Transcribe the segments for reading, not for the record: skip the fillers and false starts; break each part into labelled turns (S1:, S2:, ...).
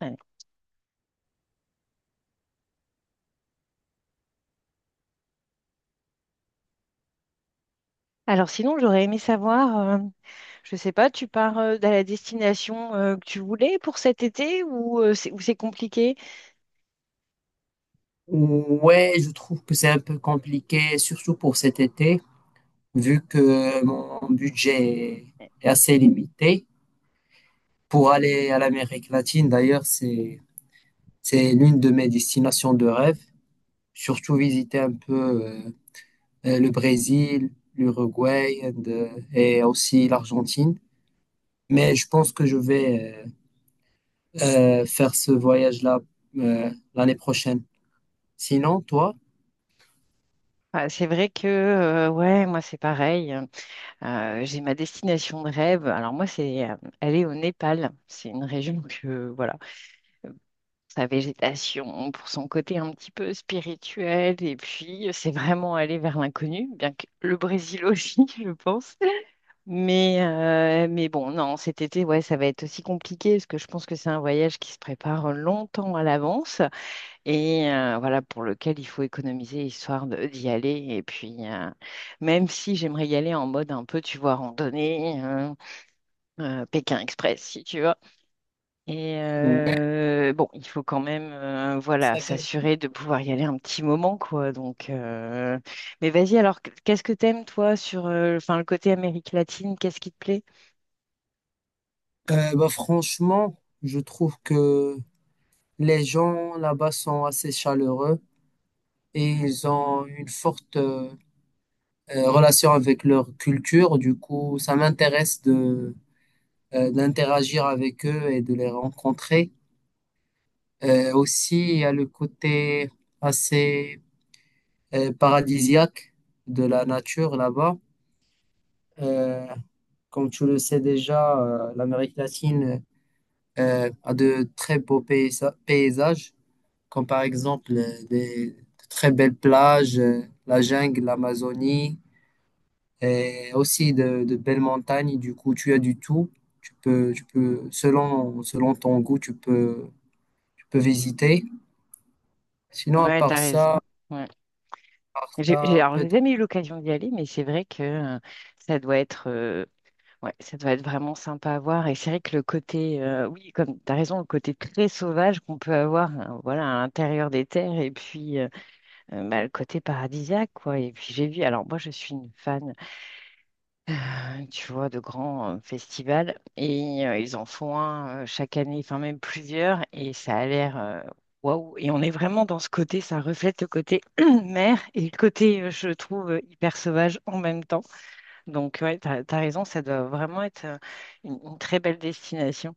S1: Ouais. Alors sinon, j'aurais aimé savoir, je sais pas, tu pars à la destination que tu voulais pour cet été ou c'est ou c'est compliqué?
S2: Ouais, je trouve que c'est un peu compliqué, surtout pour cet été, vu que mon budget est assez limité. Pour aller à l'Amérique latine, d'ailleurs, c'est l'une de mes destinations de rêve. Surtout visiter un peu le Brésil, l'Uruguay and, et aussi l'Argentine. Mais je pense que je vais euh, faire ce voyage-là l'année prochaine. Sinon, toi?
S1: Ah, c'est vrai que ouais, moi c'est pareil, hein. J'ai ma destination de rêve. Alors moi c'est aller au Népal. C'est une région que voilà, sa végétation, pour son côté un petit peu spirituel, et puis c'est vraiment aller vers l'inconnu, bien que le Brésil aussi, je pense. Mais bon, non, cet été, ouais, ça va être aussi compliqué parce que je pense que c'est un voyage qui se prépare longtemps à l'avance et voilà, pour lequel il faut économiser d'y aller. Et puis, même si j'aimerais y aller en mode un peu, tu vois, randonnée, Pékin Express, si tu veux. Et
S2: Ouais.
S1: bon, il faut quand même, voilà, s'assurer de pouvoir y aller un petit moment, quoi. Mais vas-y, alors, qu'est-ce que t'aimes, toi, sur, enfin, le côté Amérique latine, qu'est-ce qui te plaît?
S2: Bah, franchement, je trouve que les gens là-bas sont assez chaleureux et ils ont une forte relation avec leur culture. Du coup, ça m'intéresse de d'interagir avec eux et de les rencontrer. Aussi, il y a le côté assez paradisiaque de la nature là-bas. Euh, Comme tu le sais déjà, l'Amérique latine a de très beaux paysages, comme par exemple de très belles plages, la jungle, l'Amazonie, et aussi de belles montagnes. Du coup, tu as du tout. Selon, selon ton goût, tu peux visiter. Sinon,
S1: Ouais, t'as raison.
S2: à
S1: Ouais.
S2: part ça,
S1: J'ai
S2: peut-être.
S1: jamais eu l'occasion d'y aller, mais c'est vrai que ça doit être, ouais, ça doit être vraiment sympa à voir. Et c'est vrai que le côté, oui, comme t'as raison, le côté très sauvage qu'on peut avoir, voilà, à l'intérieur des terres, et puis bah, le côté paradisiaque, quoi. Et puis j'ai vu, alors moi, je suis une fan, tu vois, de grands festivals. Et ils en font un chaque année, enfin même plusieurs. Et ça a l'air waouh. Et on est vraiment dans ce côté, ça reflète le côté mer et le côté, je trouve, hyper sauvage en même temps. Donc, ouais, t'as raison, ça doit vraiment être une très belle destination.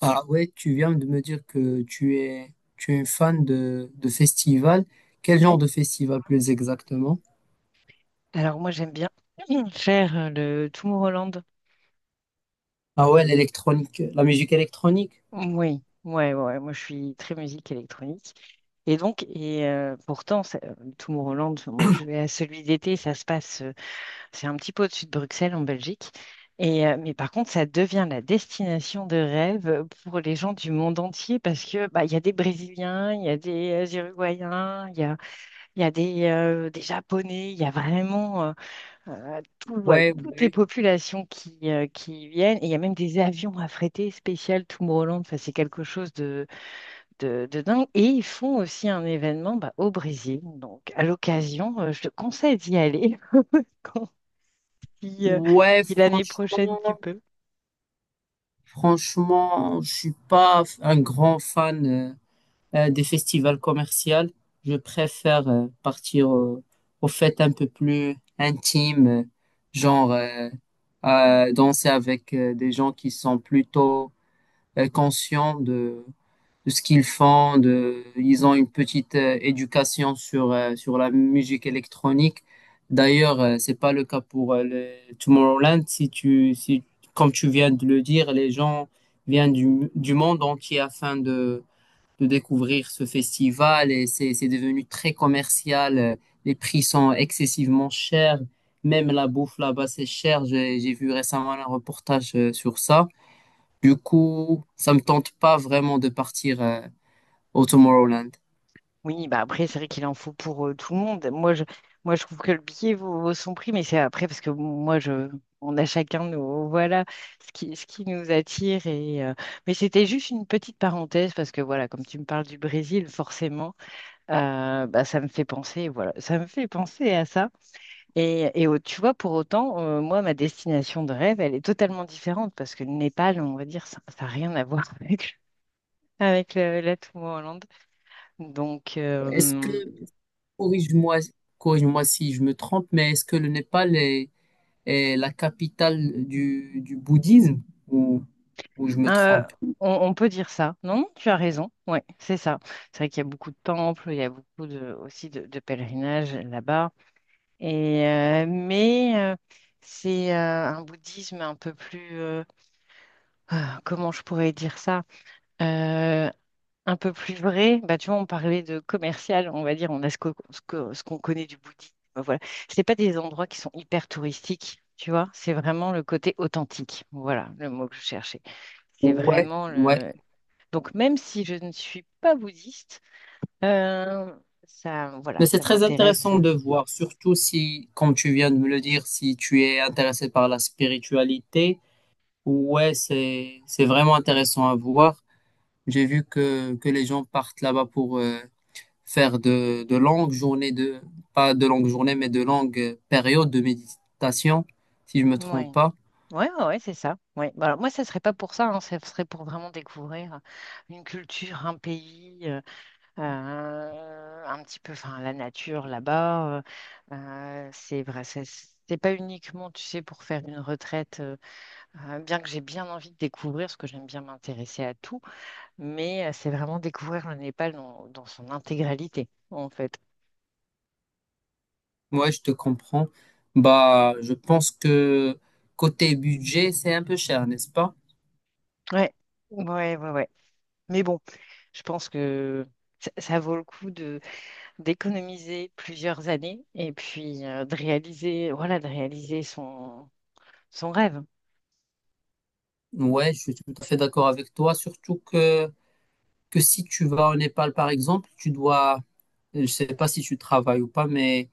S2: Ah ouais, tu viens de me dire que tu es une fan de festivals. Quel
S1: Ouais.
S2: genre de festival plus exactement?
S1: Alors, moi, j'aime bien faire le Tomorrowland.
S2: Ah ouais, l'électronique, la musique électronique.
S1: Oui, ouais, ouais, ouais, moi, je suis très musique électronique. Et donc, et pourtant, Tomorrowland, enfin, moi, je vais à celui d'été, ça se passe, c'est un petit peu au-dessus de Bruxelles, en Belgique. Et, mais par contre, ça devient la destination de rêve pour les gens du monde entier parce que bah, il y a des Brésiliens, il y a des Uruguayens, il y a des Japonais, il y a vraiment tout- ouais,
S2: Ouais,
S1: toutes les
S2: ouais.
S1: populations qui y viennent. Et il y a même des avions affrétés spécial Tomorrowland. Enfin, c'est quelque chose de dingue. Et ils font aussi un événement bah, au Brésil. Donc, à l'occasion, je te conseille d'y aller quand, si,
S2: Ouais,
S1: si l'année prochaine tu
S2: franchement.
S1: peux.
S2: Franchement, je suis pas un grand fan des festivals commerciaux. Je préfère aux fêtes un peu plus intimes, genre danser avec des gens qui sont plutôt conscients de ce qu'ils font, de, ils ont une petite éducation sur, sur la musique électronique. D'ailleurs, c'est pas le cas pour le Tomorrowland. Si, comme tu viens de le dire, les gens viennent du monde entier afin de découvrir ce festival et c'est devenu très commercial. Les prix sont excessivement chers. Même la bouffe là-bas, c'est cher. J'ai vu récemment un reportage sur ça. Du coup, ça me tente pas vraiment de partir au Tomorrowland.
S1: Oui, bah après, c'est vrai qu'il en faut pour tout le monde. Moi, je trouve que le billet vaut, vaut son prix, mais c'est après parce que moi, je, on a chacun nos, voilà, ce qui nous attire. Et, mais c'était juste une petite parenthèse parce que voilà, comme tu me parles du Brésil, forcément, bah, ça me fait penser, voilà, ça me fait penser à ça. Tu vois, pour autant, moi, ma destination de rêve, elle est totalement différente parce que le Népal, on va dire, ça n'a rien à voir avec, la Tomorrowland. Donc,
S2: Est-ce que,
S1: euh,
S2: corrige-moi, corrige-moi si je me trompe, mais est-ce que le Népal est la capitale du bouddhisme ou, ou je me
S1: euh,
S2: trompe?
S1: on peut dire ça. Non, non, tu as raison. Ouais, c'est ça. C'est vrai qu'il y a beaucoup de temples, il y a beaucoup de, aussi de pèlerinages là-bas. Et, mais c'est un bouddhisme un peu plus… ah, comment je pourrais dire ça? Euh, un peu plus vrai, bah, tu vois, on parlait de commercial, on va dire, on a ce que, ce qu'on connaît du bouddhisme, voilà. C'est pas des endroits qui sont hyper touristiques, tu vois, c'est vraiment le côté authentique, voilà, le mot que je cherchais. C'est
S2: Ouais,
S1: vraiment
S2: ouais.
S1: le… Donc, même si je ne suis pas bouddhiste, euh, ça, voilà,
S2: Mais c'est
S1: ça
S2: très
S1: m'intéresse.
S2: intéressant de voir, surtout si, comme tu viens de me le dire, si tu es intéressé par la spiritualité, ouais, c'est vraiment intéressant à voir. J'ai vu que les gens partent là-bas pour, faire de longues journées de, pas de longues journées, mais de longues périodes de méditation, si je me
S1: Oui, ouais,
S2: trompe pas.
S1: ouais, ouais, ouais, c'est ça. Ouais. Bah, alors, moi, ça serait pas pour ça, hein, ça serait pour vraiment découvrir une culture, un pays. Un petit peu, enfin, la nature là-bas. C'est vrai, c'est pas uniquement, tu sais, pour faire une retraite, bien que j'ai bien envie de découvrir, parce que j'aime bien m'intéresser à tout, mais c'est vraiment découvrir le Népal dans, dans son intégralité, en fait.
S2: Ouais, je te comprends. Bah, je pense que côté budget, c'est un peu cher, n'est-ce pas?
S1: Ouais, ouais, ouais, ouais. Mais bon, je pense que ça vaut le coup de d'économiser plusieurs années et puis de réaliser, voilà, de réaliser son, son rêve.
S2: Ouais, je suis tout à fait d'accord avec toi, surtout que si tu vas au Népal, par exemple, je sais pas si tu travailles ou pas, mais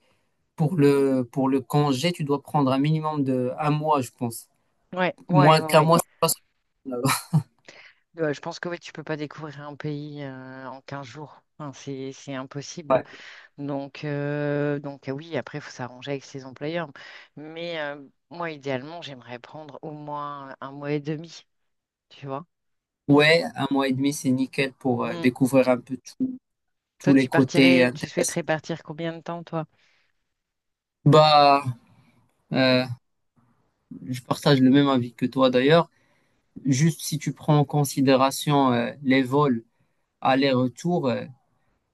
S2: pour pour le congé, tu dois prendre un minimum de un mois, je pense.
S1: Ouais, ouais,
S2: Moins
S1: ouais,
S2: qu'un
S1: ouais.
S2: mois, c'est pas
S1: Ouais, je pense que oui, tu peux pas découvrir un pays en 15 jours. Enfin, c'est impossible.
S2: Ouais,
S1: Donc oui, après, il faut s'arranger avec ses employeurs. Mais moi, idéalement, j'aimerais prendre au moins un mois et demi, tu vois.
S2: ouais, un mois et demi, c'est nickel pour
S1: Mm.
S2: découvrir un peu tout- tous
S1: Toi,
S2: les
S1: tu
S2: côtés
S1: partirais, tu
S2: intéressants.
S1: souhaiterais partir combien de temps, toi?
S2: Bah, euh, je partage le même avis que toi d'ailleurs. Juste si tu prends en considération les vols aller-retour,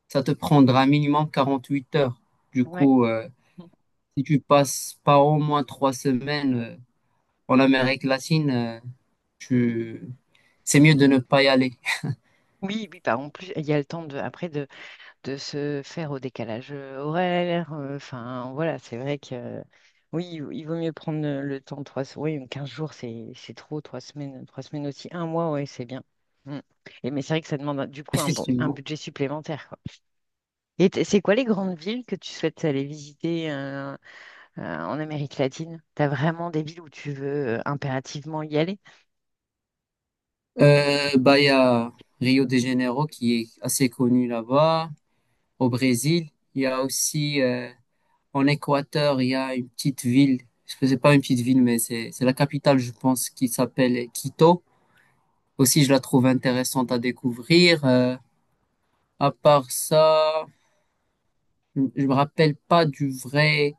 S2: ça te prendra minimum 48 heures. Du
S1: Ouais.
S2: coup,
S1: Mm.
S2: si tu passes pas au moins 3 semaines en Amérique latine, je... c'est mieux de ne pas y aller,
S1: Oui, oui, bah, en plus, il y a le temps de, après de se faire au décalage horaire. Enfin, voilà, c'est vrai que oui, il vaut mieux prendre le temps, oui, 15 jours, c'est trop, trois semaines aussi, un mois, ouais, c'est bien. Mm. Et mais c'est vrai que ça demande du coup un, bon, un
S2: effectivement.
S1: budget supplémentaire, quoi. C'est quoi les grandes villes que tu souhaites aller visiter en Amérique latine? T'as vraiment des villes où tu veux impérativement y aller?
S2: Bah, il y a Rio de Janeiro qui est assez connu là-bas, au Brésil. Il y a aussi en Équateur, il y a une petite ville, je sais pas une petite ville, mais c'est la capitale, je pense, qui s'appelle Quito. Aussi, je la trouve intéressante à découvrir. À part ça, je je me rappelle pas du vrai,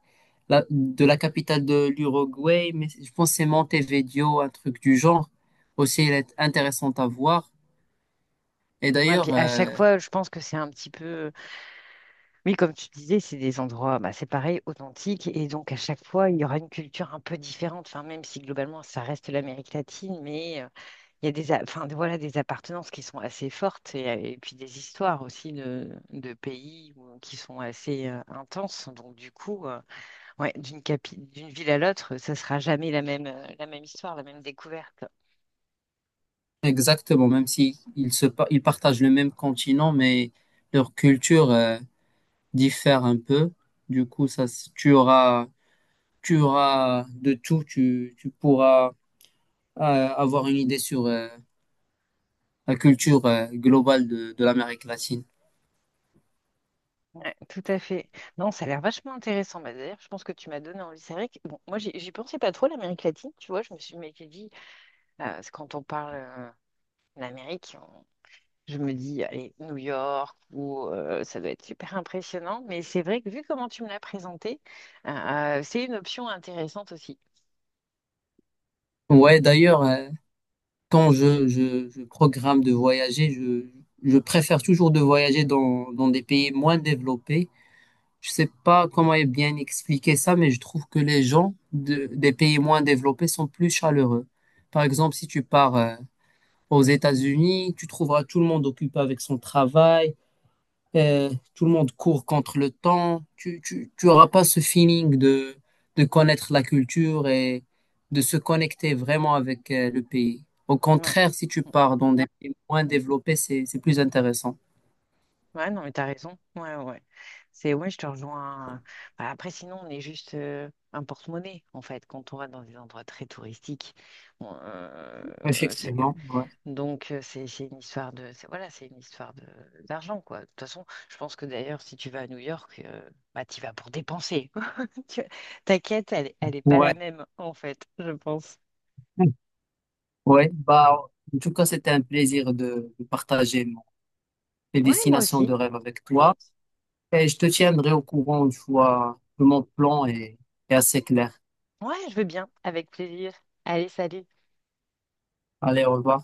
S2: de la capitale de l'Uruguay, mais je pense que c'est Montevideo, un truc du genre. Aussi, elle est intéressante à voir. Et
S1: Ouais,
S2: d'ailleurs,
S1: puis à chaque fois, je pense que c'est un petit peu. Oui, comme tu disais, c'est des endroits, bah, c'est pareil, authentiques, et donc à chaque fois, il y aura une culture un peu différente, enfin, même si globalement, ça reste l'Amérique latine, mais il y a des, a- enfin, voilà, des appartenances qui sont assez fortes, et puis des histoires aussi de pays qui sont assez intenses, donc du coup, ouais, d'une ville à l'autre, ça sera jamais la même, la même histoire, la même découverte.
S2: exactement, même si ils se, ils partagent le même continent, mais leur culture, diffère un peu. Du coup, ça, tu auras de tout, tu pourras, euh, avoir une idée sur, la culture, globale de l'Amérique latine.
S1: Ouais, tout à fait. Non, ça a l'air vachement intéressant. Bah, d'ailleurs, je pense que tu m'as donné envie. C'est vrai que bon, moi, j'y pensais pas trop à l'Amérique latine, tu vois. Je me suis mais j'ai dit, c'est quand on parle de l'Amérique, je me dis, allez, New York, ou ça doit être super impressionnant. Mais c'est vrai que vu comment tu me l'as présenté, c'est une option intéressante aussi.
S2: Ouais, d'ailleurs, quand je programme de voyager, je préfère toujours de voyager dans, dans des pays moins développés. Je sais pas comment est bien expliquer ça, mais je trouve que les gens de, des pays moins développés sont plus chaleureux. Par exemple, si tu pars aux États-Unis, tu trouveras tout le monde occupé avec son travail, euh, tout le monde court contre le temps. Tu auras pas ce feeling de connaître la culture et de se connecter vraiment avec le pays. Au
S1: Ouais.
S2: contraire, si tu pars dans des pays moins développés, c'est plus intéressant.
S1: Ouais, non, mais t'as raison. Ouais, ouais, ouais. C'est, ouais, je te rejoins. Bah, après, sinon, on est juste un porte-monnaie, en fait, quand on va dans des endroits très touristiques. on- euh, c'est-
S2: Effectivement, ouais.
S1: donc, c'est une histoire de, voilà, c'est une histoire de d'argent, quoi. De toute façon, je pense que d'ailleurs, si tu vas à New York, bah, tu vas pour dépenser. Tu- Ta quête, elle, elle est pas
S2: Ouais,
S1: la même, en fait, je pense.
S2: ouais. Bah, en tout cas, c'était un plaisir de partager mes
S1: Ouais, moi
S2: destinations de
S1: aussi.
S2: rêve avec
S1: Mm.
S2: toi. Et je te tiendrai au courant une fois que mon plan est assez clair.
S1: Ouais, je veux bien, avec plaisir. Allez, salut.
S2: Allez, au revoir.